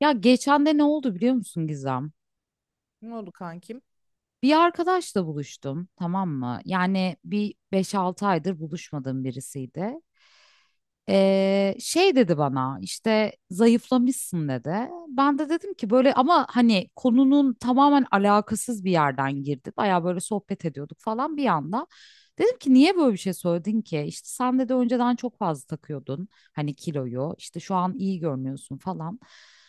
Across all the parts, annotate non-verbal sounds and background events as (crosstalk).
Ya geçen de ne oldu biliyor musun Gizem? Ne oldu kankim? Bir arkadaşla buluştum, tamam mı? Yani bir 5-6 aydır buluşmadığım birisiydi. Şey dedi bana işte zayıflamışsın dedi. Ben de dedim ki böyle ama hani konunun tamamen alakasız bir yerden girdi. Baya böyle sohbet ediyorduk falan bir anda. Dedim ki niye böyle bir şey söyledin ki? İşte sen dedi önceden çok fazla takıyordun hani kiloyu işte şu an iyi görünüyorsun falan.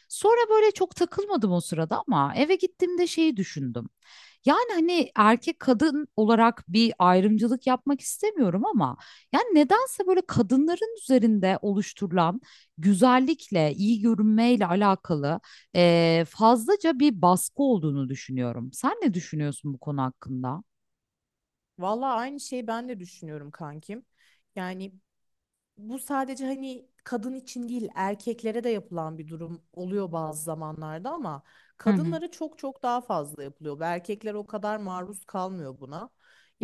Sonra böyle çok takılmadım o sırada ama eve gittiğimde şeyi düşündüm. Yani hani erkek kadın olarak bir ayrımcılık yapmak istemiyorum ama yani nedense böyle kadınların üzerinde oluşturulan güzellikle, iyi görünmeyle alakalı fazlaca bir baskı olduğunu düşünüyorum. Sen ne düşünüyorsun bu konu hakkında? Vallahi aynı şeyi ben de düşünüyorum kankim. Yani bu sadece hani kadın için değil erkeklere de yapılan bir durum oluyor bazı zamanlarda ama Hı hı. kadınlara çok çok daha fazla yapılıyor. Ve erkekler o kadar maruz kalmıyor buna.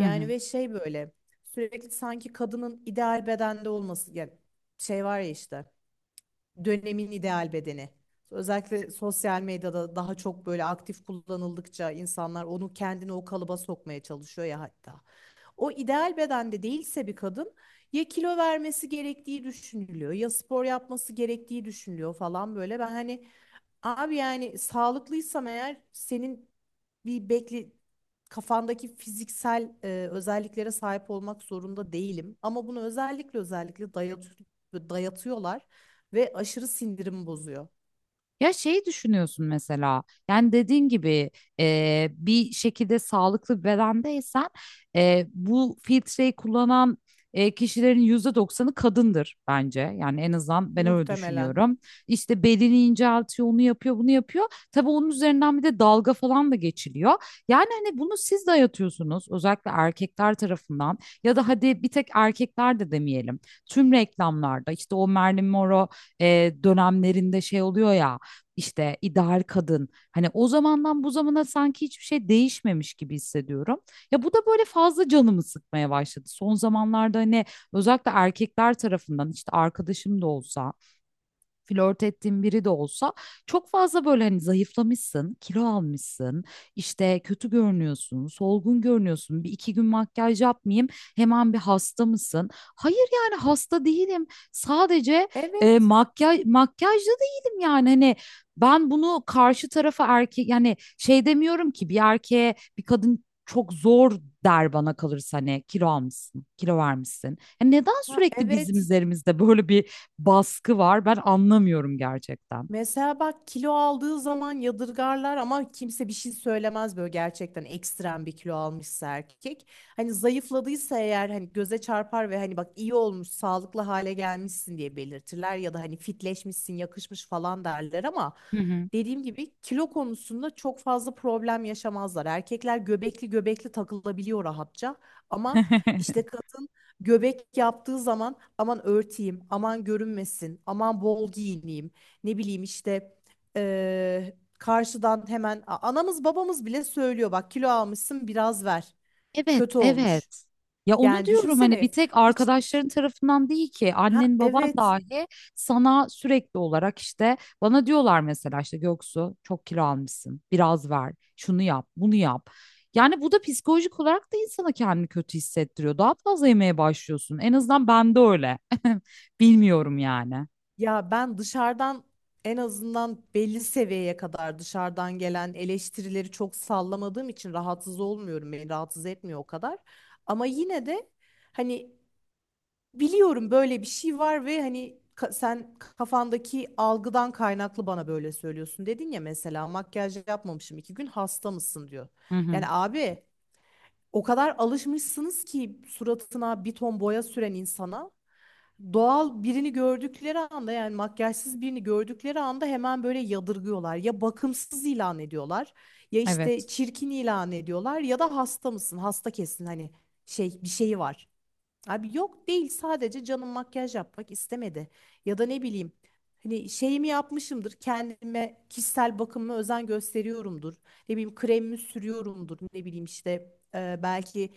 Hı hı. ve şey böyle sürekli sanki kadının ideal bedende olması yani şey var ya işte. Dönemin ideal bedeni. Özellikle sosyal medyada daha çok böyle aktif kullanıldıkça insanlar onu kendini o kalıba sokmaya çalışıyor ya hatta. O ideal bedende değilse bir kadın ya kilo vermesi gerektiği düşünülüyor ya spor yapması gerektiği düşünülüyor falan böyle. Ben hani abi yani sağlıklıysam eğer senin bir bekle kafandaki fiziksel özelliklere sahip olmak zorunda değilim. Ama bunu özellikle özellikle dayatıyorlar ve aşırı sindirim bozuyor Ya şey düşünüyorsun mesela yani dediğin gibi bir şekilde sağlıklı bir bedendeysen bu filtreyi kullanan kişilerin %90'ı kadındır bence. Yani en azından ben öyle muhtemelen. düşünüyorum. İşte belini inceltiyor, onu yapıyor, bunu yapıyor. Tabii onun üzerinden bir de dalga falan da geçiliyor. Yani hani bunu siz dayatıyorsunuz özellikle erkekler tarafından ya da hadi bir tek erkekler de demeyelim. Tüm reklamlarda işte o Marilyn Monroe dönemlerinde şey oluyor ya işte ideal kadın. Hani o zamandan bu zamana sanki hiçbir şey değişmemiş gibi hissediyorum. Ya bu da böyle fazla canımı sıkmaya başladı. Son zamanlarda hani özellikle erkekler tarafından işte arkadaşım da olsa flört ettiğin biri de olsa çok fazla böyle hani zayıflamışsın, kilo almışsın, işte kötü görünüyorsun, solgun görünüyorsun. Bir iki gün makyaj yapmayayım, hemen bir hasta mısın? Hayır yani hasta değilim. Sadece Evet. makyajlı değilim yani hani ben bunu karşı tarafa erkek yani şey demiyorum ki bir erkeğe bir kadın çok zor der bana kalırsa hani kilo almışsın, kilo vermişsin. Ya neden Ha, sürekli bizim evet. üzerimizde böyle bir baskı var. Ben anlamıyorum gerçekten. Mesela bak kilo aldığı zaman yadırgarlar ama kimse bir şey söylemez böyle gerçekten ekstrem bir kilo almışsa erkek. Hani zayıfladıysa eğer hani göze çarpar ve hani bak iyi olmuş, sağlıklı hale gelmişsin diye belirtirler ya da hani fitleşmişsin, yakışmış falan derler ama Hı hı. dediğim gibi kilo konusunda çok fazla problem yaşamazlar. Erkekler göbekli göbekli takılabiliyor rahatça ama işte (laughs) kadın göbek yaptığı zaman aman örteyim, aman görünmesin, aman bol giyineyim ne bileyim işte karşıdan hemen anamız babamız bile söylüyor bak kilo almışsın biraz ver Evet, kötü olmuş. evet. Ya onu Yani diyorum hani bir düşünsene tek hiç arkadaşların tarafından değil ki ha annen baban evet dahi sana sürekli olarak işte bana diyorlar mesela işte Göksu çok kilo almışsın biraz ver şunu yap bunu yap. Yani bu da psikolojik olarak da insana kendini kötü hissettiriyor. Daha fazla yemeye başlıyorsun. En azından bende öyle. (laughs) Bilmiyorum yani. ya ben dışarıdan en azından belli seviyeye kadar dışarıdan gelen eleştirileri çok sallamadığım için rahatsız olmuyorum beni rahatsız etmiyor o kadar. Ama yine de hani biliyorum böyle bir şey var ve hani sen kafandaki algıdan kaynaklı bana böyle söylüyorsun dedin ya mesela makyaj yapmamışım iki gün hasta mısın diyor. Hı hı. Yani abi o kadar alışmışsınız ki suratına bir ton boya süren insana doğal birini gördükleri anda yani makyajsız birini gördükleri anda hemen böyle yadırgıyorlar. Ya bakımsız ilan ediyorlar ya işte Evet. çirkin ilan ediyorlar ya da hasta mısın hasta kesin hani şey bir şeyi var. Abi yok değil sadece canım makyaj yapmak istemedi. Ya da ne bileyim hani şeyimi yapmışımdır kendime kişisel bakımıma özen gösteriyorumdur. Ne bileyim kremimi sürüyorumdur ne bileyim işte belki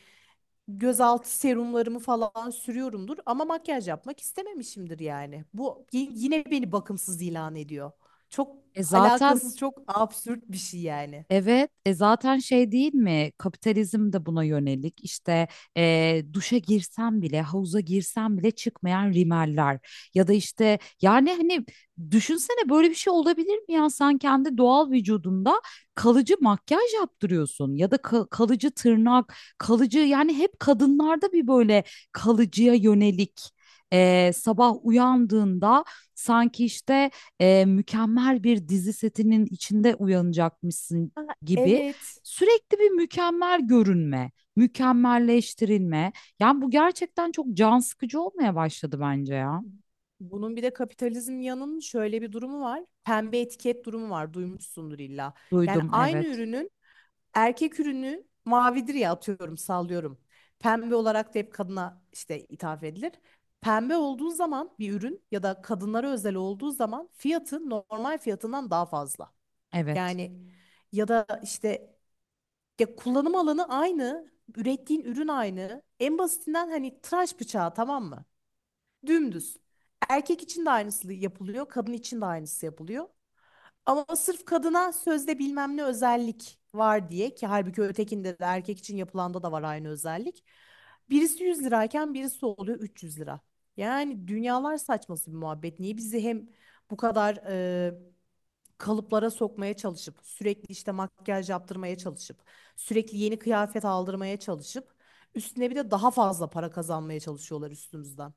gözaltı serumlarımı falan sürüyorumdur. Ama makyaj yapmak istememişimdir yani. Bu yine beni bakımsız ilan ediyor. Çok E zaten alakasız çok absürt bir şey yani. Evet, e zaten şey değil mi? Kapitalizm de buna yönelik. İşte duşa girsem bile, havuza girsem bile çıkmayan rimeller ya da işte yani hani düşünsene böyle bir şey olabilir mi ya? Sen kendi doğal vücudunda kalıcı makyaj yaptırıyorsun ya da kalıcı tırnak, kalıcı yani hep kadınlarda bir böyle kalıcıya yönelik sabah uyandığında sanki işte mükemmel bir dizi setinin içinde uyanacakmışsın Aa, gibi evet. sürekli bir mükemmel görünme, mükemmelleştirilme. Yani bu gerçekten çok can sıkıcı olmaya başladı bence ya. Bunun bir de kapitalizm yanının şöyle bir durumu var. Pembe etiket durumu var. Duymuşsundur illa. Yani Duydum aynı evet, ürünün erkek ürünü mavidir ya atıyorum sallıyorum. Pembe olarak da hep kadına işte ithaf edilir. Pembe olduğu zaman bir ürün ya da kadınlara özel olduğu zaman fiyatı normal fiyatından daha fazla. evet. Yani ya da işte ya kullanım alanı aynı, ürettiğin ürün aynı. En basitinden hani tıraş bıçağı tamam mı? Dümdüz. Erkek için de aynısı yapılıyor, kadın için de aynısı yapılıyor. Ama sırf kadına sözde bilmem ne özellik var diye ki halbuki ötekinde de erkek için yapılanda da var aynı özellik. Birisi 100 lirayken birisi oluyor 300 lira. Yani dünyalar saçması bir muhabbet. Niye bizi hem bu kadar kalıplara sokmaya çalışıp sürekli işte makyaj yaptırmaya çalışıp sürekli yeni kıyafet aldırmaya çalışıp üstüne bir de daha fazla para kazanmaya çalışıyorlar üstümüzden.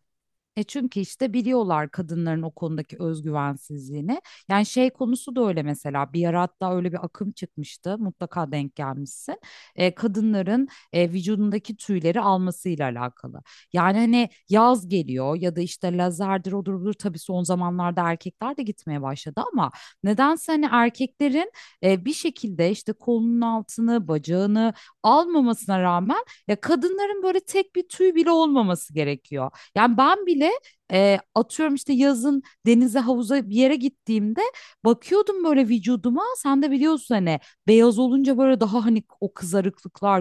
Çünkü işte biliyorlar kadınların o konudaki özgüvensizliğini. Yani şey konusu da öyle mesela bir ara hatta öyle bir akım çıkmıştı mutlaka denk gelmişsin. Kadınların vücudundaki tüyleri almasıyla alakalı. Yani hani yaz geliyor ya da işte lazerdir odur budur tabii son zamanlarda erkekler de gitmeye başladı ama nedense hani erkeklerin bir şekilde işte kolunun altını bacağını almamasına rağmen ya kadınların böyle tek bir tüy bile olmaması gerekiyor. Yani ben bile atıyorum işte yazın denize havuza bir yere gittiğimde bakıyordum böyle vücuduma. Sen de biliyorsun hani beyaz olunca böyle daha hani o kızarıklıklar,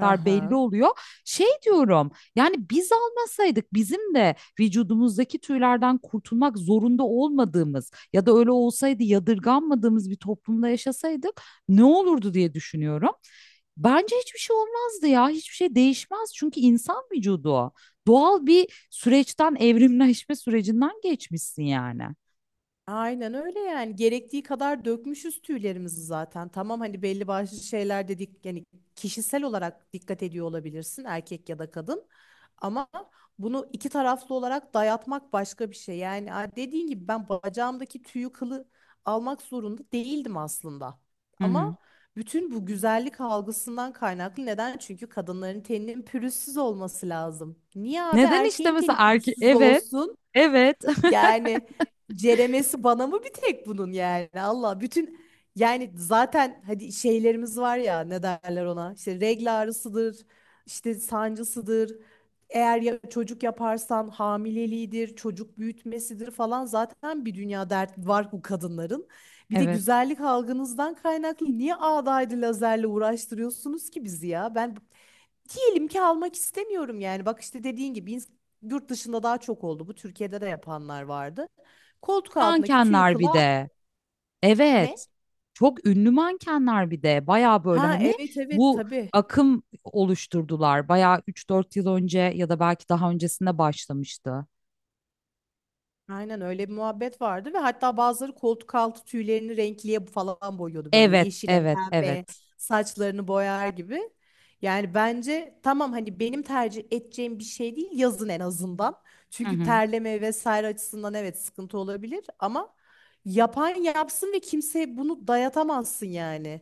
Hı belli hı. oluyor. Şey diyorum yani biz almasaydık bizim de vücudumuzdaki tüylerden kurtulmak zorunda olmadığımız ya da öyle olsaydı yadırganmadığımız bir toplumda yaşasaydık ne olurdu diye düşünüyorum. Bence hiçbir şey olmazdı ya. Hiçbir şey değişmez. Çünkü insan vücudu o. Doğal bir süreçten, evrimleşme sürecinden geçmişsin yani. Aynen öyle yani gerektiği kadar dökmüşüz tüylerimizi zaten. Tamam hani belli başlı şeyler dedik yani kişisel olarak dikkat ediyor olabilirsin erkek ya da kadın. Ama bunu iki taraflı olarak dayatmak başka bir şey. Yani dediğin gibi ben bacağımdaki tüyü kılı almak zorunda değildim aslında. Hı hı. Ama bütün bu güzellik algısından kaynaklı neden? Çünkü kadınların teninin pürüzsüz olması lazım. Niye abi Neden işte erkeğin mesela teni erkek... pürüzsüz Evet, olsun? evet, Yani ceremesi bana mı bir tek bunun yani Allah bütün yani zaten hadi şeylerimiz var ya ne derler ona işte regl ağrısıdır işte sancısıdır eğer ya çocuk yaparsan hamileliğidir çocuk büyütmesidir falan zaten bir dünya dert var bu kadınların (laughs) bir de evet. güzellik algınızdan kaynaklı niye ağdaydı lazerle uğraştırıyorsunuz ki bizi ya ben diyelim ki almak istemiyorum yani. Bak işte dediğin gibi yurt dışında daha çok oldu. Bu Türkiye'de de yapanlar vardı. Koltuk altındaki tüyü Mankenler bir kılağı de. ne? Evet. Çok ünlü mankenler bir de. Baya böyle Ha hani evet evet bu tabii. akım oluşturdular. Baya 3-4 yıl önce ya da belki daha öncesinde başlamıştı. Aynen öyle bir muhabbet vardı ve hatta bazıları koltuk altı tüylerini renkliye falan boyuyordu böyle Evet, yeşilen evet, pembe evet. saçlarını boyar gibi. Yani bence tamam hani benim tercih edeceğim bir şey değil yazın en azından. Hı Çünkü hı. terleme vesaire açısından evet sıkıntı olabilir ama yapan yapsın ve kimseye bunu dayatamazsın yani.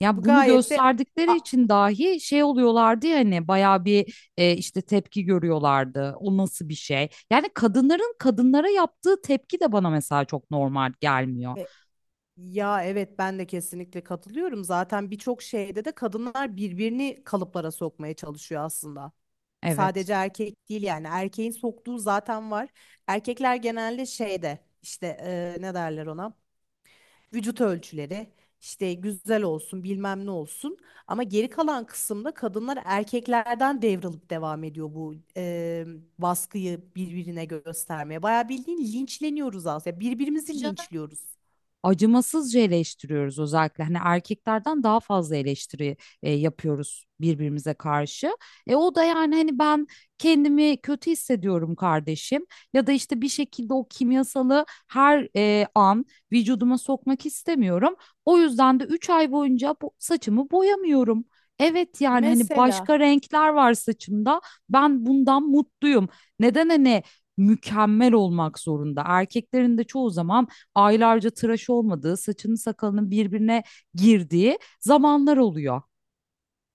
Ya Bu bunu gayet de gösterdikleri A- için dahi şey oluyorlardı ya hani bayağı bir işte tepki görüyorlardı. O nasıl bir şey? Yani kadınların kadınlara yaptığı tepki de bana mesela çok normal gelmiyor. e, ya evet ben de kesinlikle katılıyorum. Zaten birçok şeyde de kadınlar birbirini kalıplara sokmaya çalışıyor aslında. Evet. Sadece erkek değil yani erkeğin soktuğu zaten var. Erkekler genelde şeyde işte ne derler ona? Vücut ölçüleri işte güzel olsun bilmem ne olsun. Ama geri kalan kısımda kadınlar erkeklerden devralıp devam ediyor bu baskıyı birbirine göstermeye. Bayağı bildiğin linçleniyoruz aslında. Birbirimizi linçliyoruz. Acımasızca eleştiriyoruz özellikle. Hani erkeklerden daha fazla eleştiri yapıyoruz birbirimize karşı. E o da yani hani ben kendimi kötü hissediyorum kardeşim ya da işte bir şekilde o kimyasalı her an vücuduma sokmak istemiyorum. O yüzden de 3 ay boyunca saçımı boyamıyorum. Evet yani hani Mesela başka renkler var saçımda. Ben bundan mutluyum. Neden hani mükemmel olmak zorunda? Erkeklerin de çoğu zaman aylarca tıraş olmadığı, saçının sakalının birbirine girdiği zamanlar oluyor.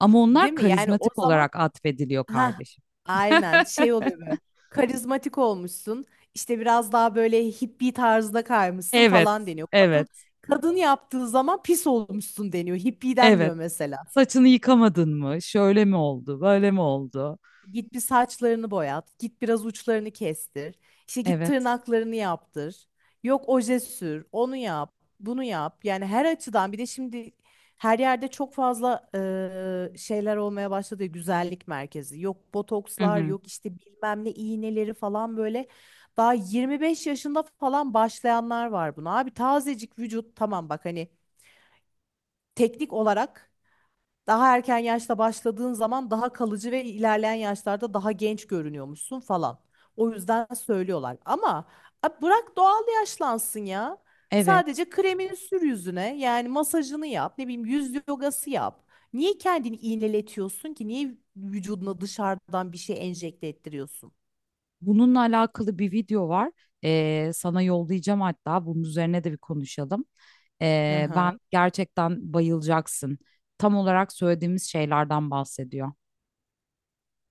Ama değil onlar mi? Yani o karizmatik zaman olarak atfediliyor ha, kardeşim. aynen (laughs) şey oluyor böyle. Karizmatik olmuşsun. İşte biraz daha böyle hippie tarzda kaymışsın Evet, falan deniyor. Kadın evet, kadın yaptığı zaman pis olmuşsun deniyor. Hippie evet. denmiyor mesela. Saçını yıkamadın mı? Şöyle mi oldu? Böyle mi oldu? Git bir saçlarını boyat, git biraz uçlarını kestir, işte git Evet. tırnaklarını yaptır, yok oje sür, onu yap, bunu yap. Yani her açıdan bir de şimdi her yerde çok fazla şeyler olmaya başladı ya, güzellik merkezi. Yok Hı botokslar, hı. yok işte bilmem ne iğneleri falan böyle. Daha 25 yaşında falan başlayanlar var buna. Abi tazecik vücut tamam bak hani teknik olarak daha erken yaşta başladığın zaman daha kalıcı ve ilerleyen yaşlarda daha genç görünüyormuşsun falan. O yüzden söylüyorlar. Ama abi bırak doğal yaşlansın ya. Evet. Sadece kremini sür yüzüne. Yani masajını yap. Ne bileyim yüz yogası yap. Niye kendini iğneletiyorsun ki? Niye vücuduna dışarıdan bir şey enjekte ettiriyorsun? Bununla alakalı bir video var. Sana yollayacağım hatta. Bunun üzerine de bir konuşalım. Ben Aha. gerçekten bayılacaksın. Tam olarak söylediğimiz şeylerden bahsediyor.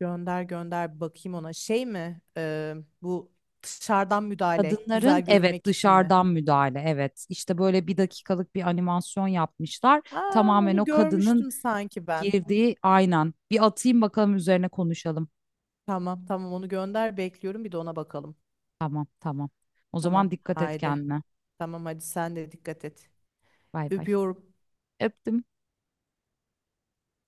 Gönder gönder bir bakayım ona. Şey mi? Bu dışarıdan müdahale Kadınların güzel evet görünmek için mi? dışarıdan müdahale evet işte böyle bir dakikalık bir animasyon yapmışlar Aa, tamamen onu o kadının görmüştüm sanki ben. girdiği aynen bir atayım bakalım üzerine konuşalım Tamam tamam onu gönder bekliyorum bir de ona bakalım. tamam tamam o Tamam zaman dikkat et haydi. kendine Tamam hadi sen de dikkat et. bay bay Öpüyorum. öptüm.